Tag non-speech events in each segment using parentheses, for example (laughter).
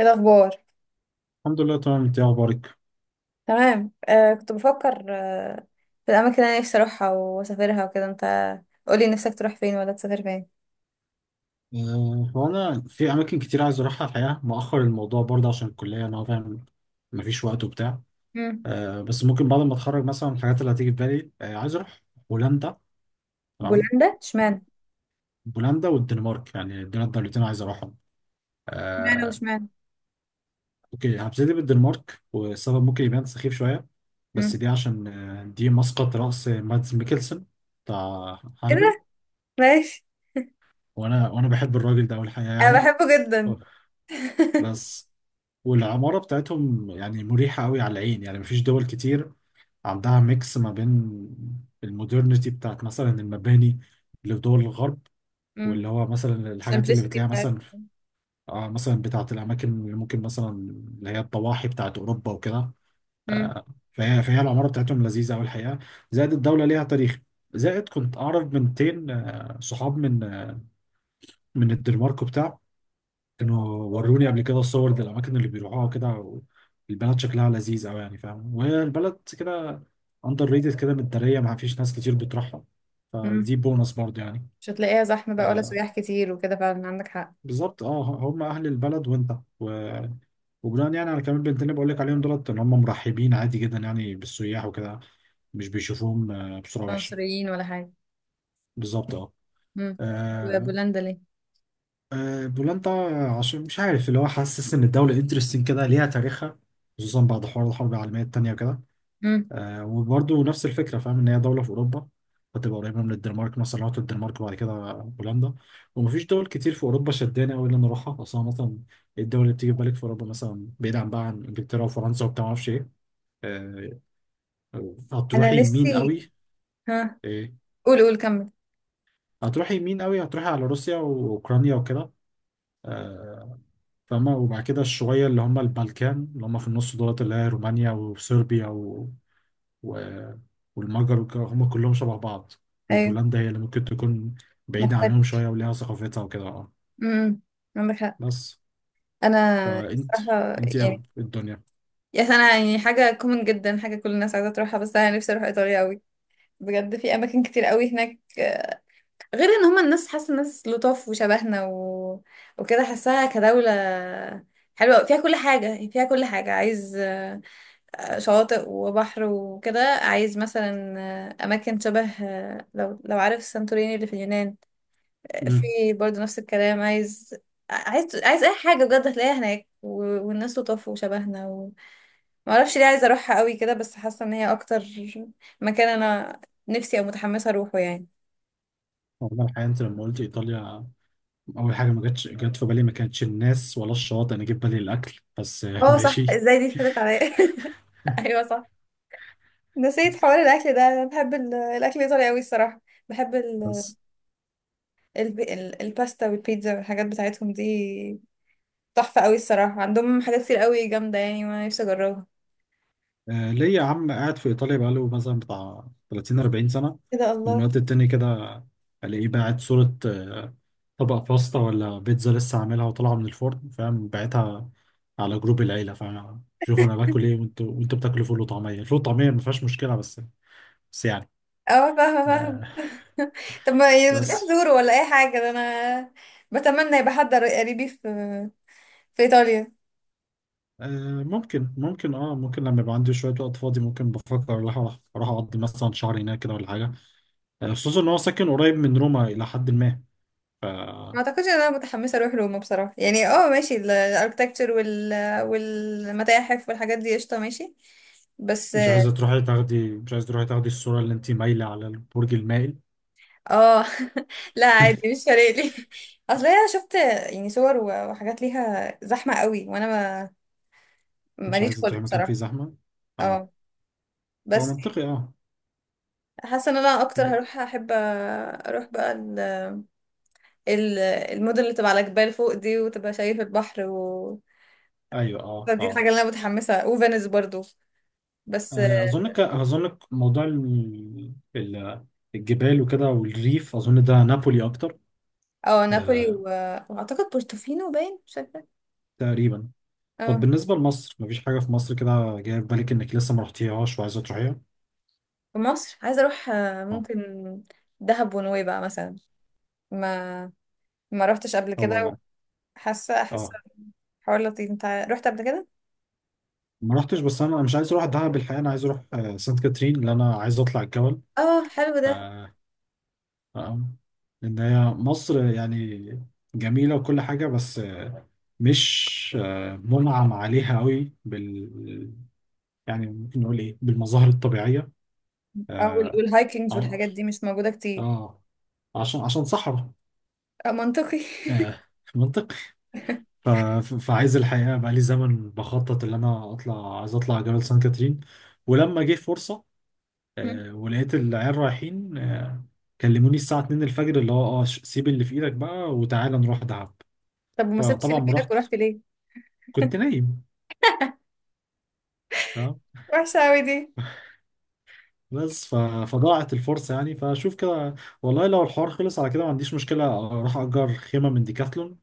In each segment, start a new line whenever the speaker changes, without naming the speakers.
ايه الاخبار؟
الحمد لله، تمام. انت ايه اخبارك؟
تمام. كنت بفكر في الاماكن اللي انا نفسي اروحها واسافرها وكده. انت قولي نفسك تروح فين ولا تسافر فين؟
هو انا في اماكن كتير عايز اروحها الحقيقه، مؤخر الموضوع برضه عشان الكليه. انا فاهم، مفيش وقت وبتاع.
مم.
بس ممكن بعد ما اتخرج مثلا الحاجات اللي هتيجي في بالي عايز اروح هولندا. تمام.
بولندا؟ اشمعنى؟
هولندا والدنمارك، يعني دول الدولتين عايز اروحهم
اشمعنى
آه
واشمعنى؟
اوكي، هبتدي بالدنمارك، والسبب ممكن يبان سخيف شويه بس
مم.
دي عشان دي مسقط رأس مادز ميكلسن، بتاع
ايه
هانبل.
ده؟ ماشي.
وانا بحب الراجل ده، اول حاجه
انا
يعني.
بحبه جدا.
أوه.
(laughs)
بس. والعمارة بتاعتهم يعني مريحة قوي على العين، يعني مفيش دول كتير عندها ميكس ما بين المودرنيتي بتاعت مثلا المباني اللي في دول الغرب،
امم.
واللي هو مثلا الحاجات اللي
السمبlicity
بتلاقيها
بتاعتها.
مثلا مثلا بتاعت الأماكن اللي ممكن مثلا اللي هي الضواحي بتاعت أوروبا وكده
امم،
آه فهي العمارة بتاعتهم لذيذة أوي الحقيقة. زائد الدولة ليها تاريخ. زائد كنت أعرف بنتين صحاب من من الدنمارك وبتاع. كانوا وروني قبل كده الصور دي، الأماكن اللي بيروحوها كده. البلد شكلها لذيذ أوي يعني، فاهم، وهي البلد كده أندر ريتد كده، متدارية، ما فيش ناس كتير بتروحها،
امم.
فدي بونص برضه يعني
مش هتلاقيها زحمه بقى، ولا
آه
سياح كتير وكده، فعلا عندك حق.
بالظبط، اه، هم أهل البلد وأنت و... وبناء يعني على كلام البنتين اللي بقول لك عليهم دولت، إن هم مرحبين عادي جدا يعني بالسياح وكده، مش بيشوفوهم بصورة
ولا
وحشة.
مصريين ولا حاجه.
بالظبط، اه.
امم.
آه،
وبولندا ليه؟
بولندا عشان مش عارف، اللي هو حاسس ان الدوله انترستنج كده، ليها تاريخها، خصوصا بعد حوار الحرب العالميه التانيه وكده.
امم.
وبرضه نفس الفكره، فاهم، ان هي دوله في اوروبا، فتبقى قريبه من الدنمارك، مثلا لو رحت الدنمارك وبعد كده بولندا. ومفيش دول كتير في اوروبا شداني قوي ان انا اروحها اصلا. مثلا الدول اللي بتيجي في بالك في اوروبا، مثلا بعيد عن بقى عن انجلترا وفرنسا وبتاع ما اعرفش ايه آه،
انا
هتروحي يمين
نفسي.
قوي.
ها؟
إيه؟
قول قول، كمل.
هتروحي يمين قوي، هتروحي على روسيا واوكرانيا وكده آه، فاهمة، وبعد كده الشوية اللي هم البلكان اللي هم في النص دولت، اللي هي رومانيا وصربيا و... والمجر هم كلهم شبه بعض،
ايوه،
وبولندا هي اللي ممكن تكون بعيدة
مختلف.
عنهم شوية وليها ثقافتها وكده، اه.
امم. عندك حق.
بس
انا
فانت
صراحه
انت
يعني.
اغلب الدنيا.
يا انا، يعني حاجه كومن جدا، حاجه كل الناس عايزه تروحها، بس انا نفسي اروح ايطاليا قوي. بجد في اماكن كتير قوي هناك، غير ان هما الناس، حاسه الناس لطاف وشبهنا وكده حاساها كدوله حلوه أوي. فيها كل حاجه، يعني فيها كل حاجه عايز شواطئ وبحر وكده، عايز مثلا اماكن شبه، لو عارف سانتوريني اللي في اليونان،
امم
في برضه نفس الكلام، عايز عايز اي حاجه بجد هتلاقيها هناك والناس لطاف وشبهنا. ما اعرفش ليه عايزه اروحها قوي كده، بس حاسه ان هي اكتر مكان انا نفسي او متحمسه اروحه يعني.
والله الحقيقة انت لما قلت ايطاليا، اول حاجة ما جاتش جت في بالي، ما كانتش الناس ولا الشواطئ، انا جيت بالي الاكل بس. (laughs)
اه صح،
ماشي.
ازاي دي فاتت عليا؟ (laughs) ايوه صح، نسيت حوار الاكل ده. انا بحب الاكل الايطالي قوي الصراحه. بحب
بس،
الباستا والبيتزا والحاجات بتاعتهم دي تحفه قوي الصراحه. عندهم حاجات كتير قوي جامده يعني، وانا نفسي اجربها.
ليا عم قاعد في إيطاليا بقاله مثلا بتاع 30 40 سنة.
ايه ده؟
من
الله!
وقت التاني كده ألاقيه باعت صورة طبق باستا ولا بيتزا لسه عاملها وطالعة من الفرن، فاهم، باعتها على جروب العيلة، فاهم، شوفوا أنا باكل إيه وأنتوا بتاكلوا فول وطعمية. الفول والطعمية ما فيهاش مشكلة بس يعني
اه، فاهمه فاهمه.
آه،
(laughs) طب ما بتروح
بس.
تزوره ولا اي حاجه؟ ده انا بتمنى يبقى حد قريبي في ايطاليا.
ممكن لما يبقى عندي شوية وقت فاضي ممكن بفكر اروح اروح أروح اقضي مثلا شهر هناك كده ولا حاجة. خصوصا ان هو ساكن قريب من روما الى حد ما.
ما اعتقدش ان انا متحمسه اروح روما بصراحه يعني. اه ماشي، الاركتكتشر والمتاحف والحاجات دي قشطه. ماشي، بس.
مش عايزة تروحي تاخدي الصورة اللي انت مايلة على البرج المائل.
اه، (laughs) لا عادي، مش فارق لي. (laughs) اصل انا شفت يعني صور وحاجات ليها زحمه قوي، وانا ما
مش
ماليش
عايزة
خلق
تروحي مكان فيه
بصراحه.
زحمة. اه،
اه،
هو
بس
منطقي، اه.
حاسه ان انا اكتر
ب-
احب اروح بقى ال- المدن اللي تبقى على جبال فوق دي وتبقى شايف البحر
ايوه، اه،
فدي
اه.
الحاجه اللي انا متحمسه، وفينيس برضو، بس.
اظنك موضوع الجبال وكده والريف، اظن ده نابولي اكتر.
اه، نابولي
آه
واعتقد بورتوفينو باين، مش فاكره.
تقريبا. طب
اه.
بالنسبة لمصر، مفيش حاجة في مصر كده جاية في بالك انك لسه ما رحتيهاش وعايزة تروحيها؟
في مصر عايزه اروح،
اه،
ممكن دهب ونويبع مثلا. ما ما روحتش قبل كده.
هو،
وحاسه حاسه
اه
حوار لطيف. انت رحت قبل كده؟
ما رحتش، بس انا مش عايز اروح دهب الحقيقة. انا عايز اروح سانت كاترين، لان انا عايز اطلع الجبل.
اه، حلو ده.
آه، آه. ان هي مصر يعني جميله وكل حاجه، بس مش منعم عليها قوي بال، يعني ممكن نقول ايه، بالمظاهر الطبيعيه،
اه،
اه.
والهايكنجز والحاجات
عش-
دي مش موجوده كتير.
آه، عشان صحراء.
آه، منطقي.
آه، منطق. ف- فعايز الحقيقه، بقى لي زمن بخطط ان انا اطلع، عايز اطلع جبل سان كاترين. ولما جه فرصه
(laughs) مم.
ولقيت العيال رايحين كلموني الساعه 2 الفجر، اللي هو، اه، سيب اللي في ايدك بقى وتعالى نروح دهب.
طب وما سبتش
فطبعا
اللي في
ما
ايدك
رحت،
ورحت ليه؟
كنت نايم، اه.
وحشه قوي دي.
بس فضاعت الفرصة يعني، فشوف كده. والله لو الحوار خلص على كده، ما عنديش مشكلة اروح اجر خيمة من ديكاثلون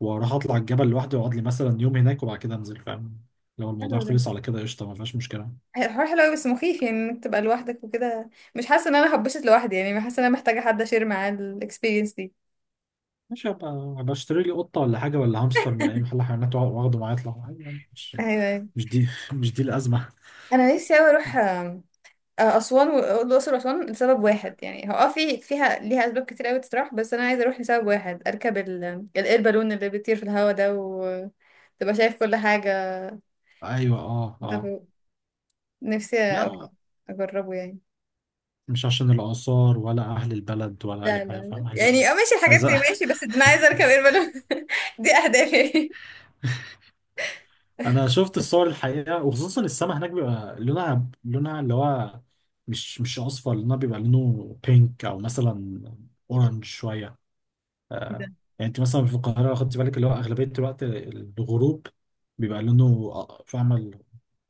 واروح اطلع الجبل لوحدي، واقعد لي مثلا يوم هناك وبعد كده انزل، فاهم. لو
حلو
الموضوع
ده.
خلص على كده، قشطة، ما فيهاش مشكلة.
هي الحوار حلو قوي بس مخيف، يعني انك تبقى لوحدك وكده. مش حاسه ان انا هبشت لوحدي، يعني حاسه ان انا محتاجه حد اشير معاه الاكسبيرينس دي.
ماشي، هبقى اشتري لي قطة ولا حاجة ولا هامستر من اي محل حيوانات واخده معايا اطلع عادي، يعني مش،
ايوه.
مش دي مش دي الأزمة.
انا نفسي اوي اروح اسوان والاقصر واسوان لسبب واحد يعني. هو اه، فيها ليها اسباب كتير اوي تطرح، بس انا عايزه اروح لسبب واحد، اركب الاير بالون اللي بيطير في الهوا ده وتبقى شايف كل حاجه.
ايوه، اه، اه.
طب، نفسي
لا،
اوي اجربه يعني.
مش عشان الآثار ولا أهل البلد ولا أي
لا، لا،
حاجة،
لا.
فاهم، عايز أهل،
يعني اه، ماشي الحاجات
عايز.
دي
(laughs)
ماشي، بس انا عايزه اركب اير بالون. (laughs) دي اهدافي.
انا شفت الصور الحقيقه، وخصوصا السما هناك بيبقى لونها اللي هو مش اصفر. لونها بيبقى لونه بينك او مثلا اورنج شويه
كده
آه، يعني انت مثلا في القاهره لو خدت بالك اللي هو اغلبيه الوقت الغروب بيبقى لونه، فاهمه،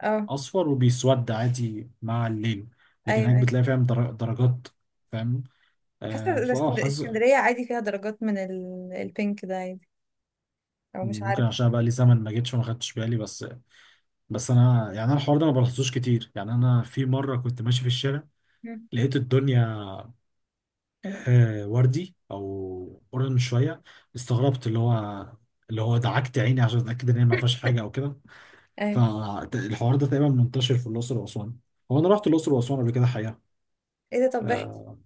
اه.
اصفر وبيسود عادي مع الليل. لكن
ايوه،
هناك
ايوه.
بتلاقي، فاهم، درجات، فاهم
حاسه إذا
حظ.
اسكندريه عادي فيها درجات من البينك ده عادي. او مش
ممكن
عارف.
عشان بقى لي زمن ما جيتش وما خدتش بالي، بس انا يعني، انا الحوار ده ما بلاحظوش كتير. يعني انا في مره كنت ماشي في الشارع،
مم.
لقيت الدنيا وردي او اورنج شويه، استغربت اللي هو دعكت عيني عشان اتاكد ان هي ما فيهاش حاجه او كده.
ايوه.
فالحوار ده تقريبا منتشر في الاقصر واسوان. هو انا رحت الاقصر واسوان قبل كده حقيقه.
ايه ده؟ طب احكي.
آه،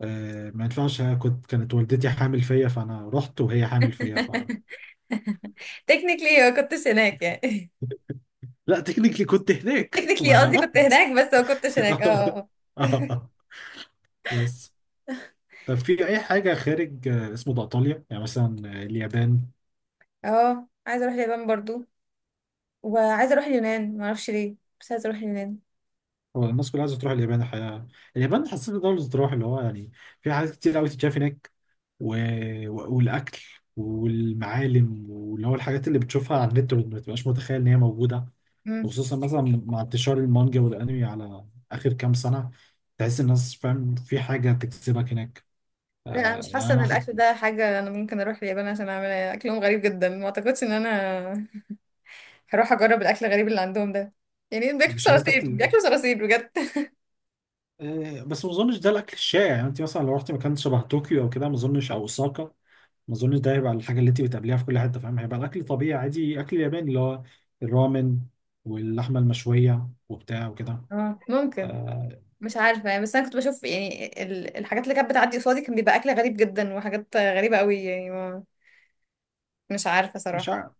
ما ينفعش، هي كانت والدتي حامل فيا، فانا رحت وهي حامل فيا،
(laughs) تكنيكلي ما كنتش هناك يعني.
لا، تكنيكلي كنت
(laughs)
هناك،
تكنيكلي
وانا
قصدي كنت
رحت.
هناك بس ما كنتش
(laughs)
هناك.
آه،
اه، اه.
آه. بس، طب في اي حاجه خارج اسمه ده، ايطاليا، يعني مثلا اليابان؟
اه. عايزه اروح اليابان برضو. وعايزه اروح اليونان، ما اعرفش ليه، بس عايزه اروح اليونان.
هو الناس كلها عايزه تروح اليابان الحقيقه. اليابان حسيت دوله تروح، اللي هو يعني، في حاجات كتير قوي تتشاف هناك و... والاكل والمعالم واللي هو الحاجات اللي بتشوفها على النت ما بتبقاش متخيل ان هي موجوده.
امم.
وخصوصا مثلا مع انتشار المانجا والانمي على اخر كام سنه، تحس الناس، فاهم، في حاجه تجذبك هناك.
لا، انا مش
يعني
حاسه
انا
ان الاكل ده حاجه انا ممكن اروح اليابان عشان اعملها. اكلهم غريب جدا، ما اعتقدش ان انا هروح اجرب الاكل الغريب اللي عندهم ده. يعني بياكلوا
مش عايز
صراصير،
تاكل.
بياكلوا صراصير بجد. (laughs)
بس ما اظنش ده الاكل الشائع. يعني انت مثلا لو رحت مكان شبه طوكيو او كده ما اظنش، او اوساكا، ما اظنش ده هيبقى الحاجه اللي انت بتقابليها في كل حته، فاهم، هيبقى الاكل طبيعي، عادي، اكل ياباني اللي هو الرامن واللحمه المشويه وبتاع وكده
اه، ممكن.
آه
مش عارفه يعني، بس انا كنت بشوف يعني الحاجات اللي كانت بتعدي قصادي كان بيبقى اكل غريب جدا وحاجات غريبه قوي يعني ما مش عارفه
مش
صراحه.
عارف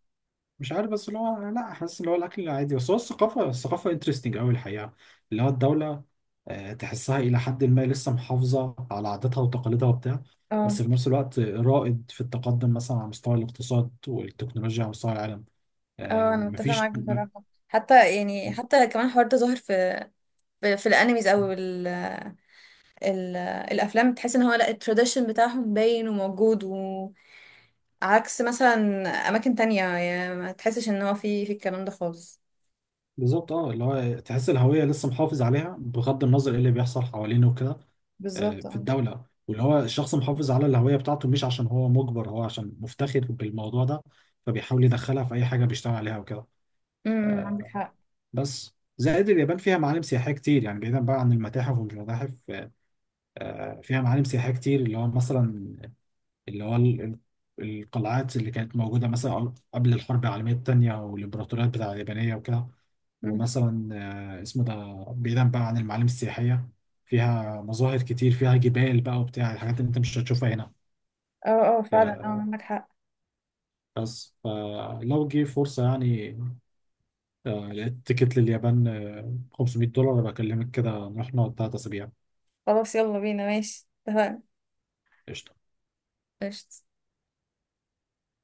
مش عارف بس، اللي هو، لا، حاسس اللي هو الاكل العادي، بس هو الثقافه انترستنج قوي الحقيقه، اللي هو الدوله تحسها الى حد ما لسه محافظه على عاداتها وتقاليدها وبتاع،
اه،
بس في نفس الوقت رائد في التقدم مثلا على مستوى الاقتصاد والتكنولوجيا على مستوى العالم.
اه. انا متفقه
مفيش.
معاك بصراحه، حتى يعني حتى كمان الحوار ده ظاهر في الانميز او ال ال الافلام. تحس ان هو لا، التراديشن بتاعهم باين وموجود. وعكس مثلا اماكن تانية، يعني ما تحسش ان هو في الكلام ده خالص.
بالظبط، اه، اللي هو تحس الهوية لسه محافظ عليها بغض النظر ايه اللي بيحصل حوالينه وكده
بالظبط،
في
اه.
الدولة، واللي هو الشخص محافظ على الهوية بتاعته، مش عشان هو مجبر، هو عشان مفتخر بالموضوع ده، فبيحاول يدخلها في أي حاجة بيشتغل عليها وكده.
عندك
آه،
حق.
بس زائد اليابان فيها معالم سياحية كتير يعني، بعيدا بقى عن المتاحف ومش متاحف فيها معالم سياحية كتير، اللي هو مثلا، اللي هو القلعات اللي كانت موجودة مثلا قبل الحرب العالمية التانية، والإمبراطوريات بتاع اليابانية وكده.
أمم.
ومثلا اسمه ده، بعيدا بقى عن المعالم السياحية، فيها مظاهر كتير، فيها جبال بقى وبتاع، الحاجات اللي انت مش هتشوفها هنا.
اه، اه فعلا، اه
آه،
عندك حق.
بس فلو جه فرصة، يعني لقيت تيكت لليابان 500 دولار، بكلمك كده نروح نقعد 3 أسابيع.
خلاص، يلا بينا، ماشي، اتفقنا.
قشطة.
قشطة.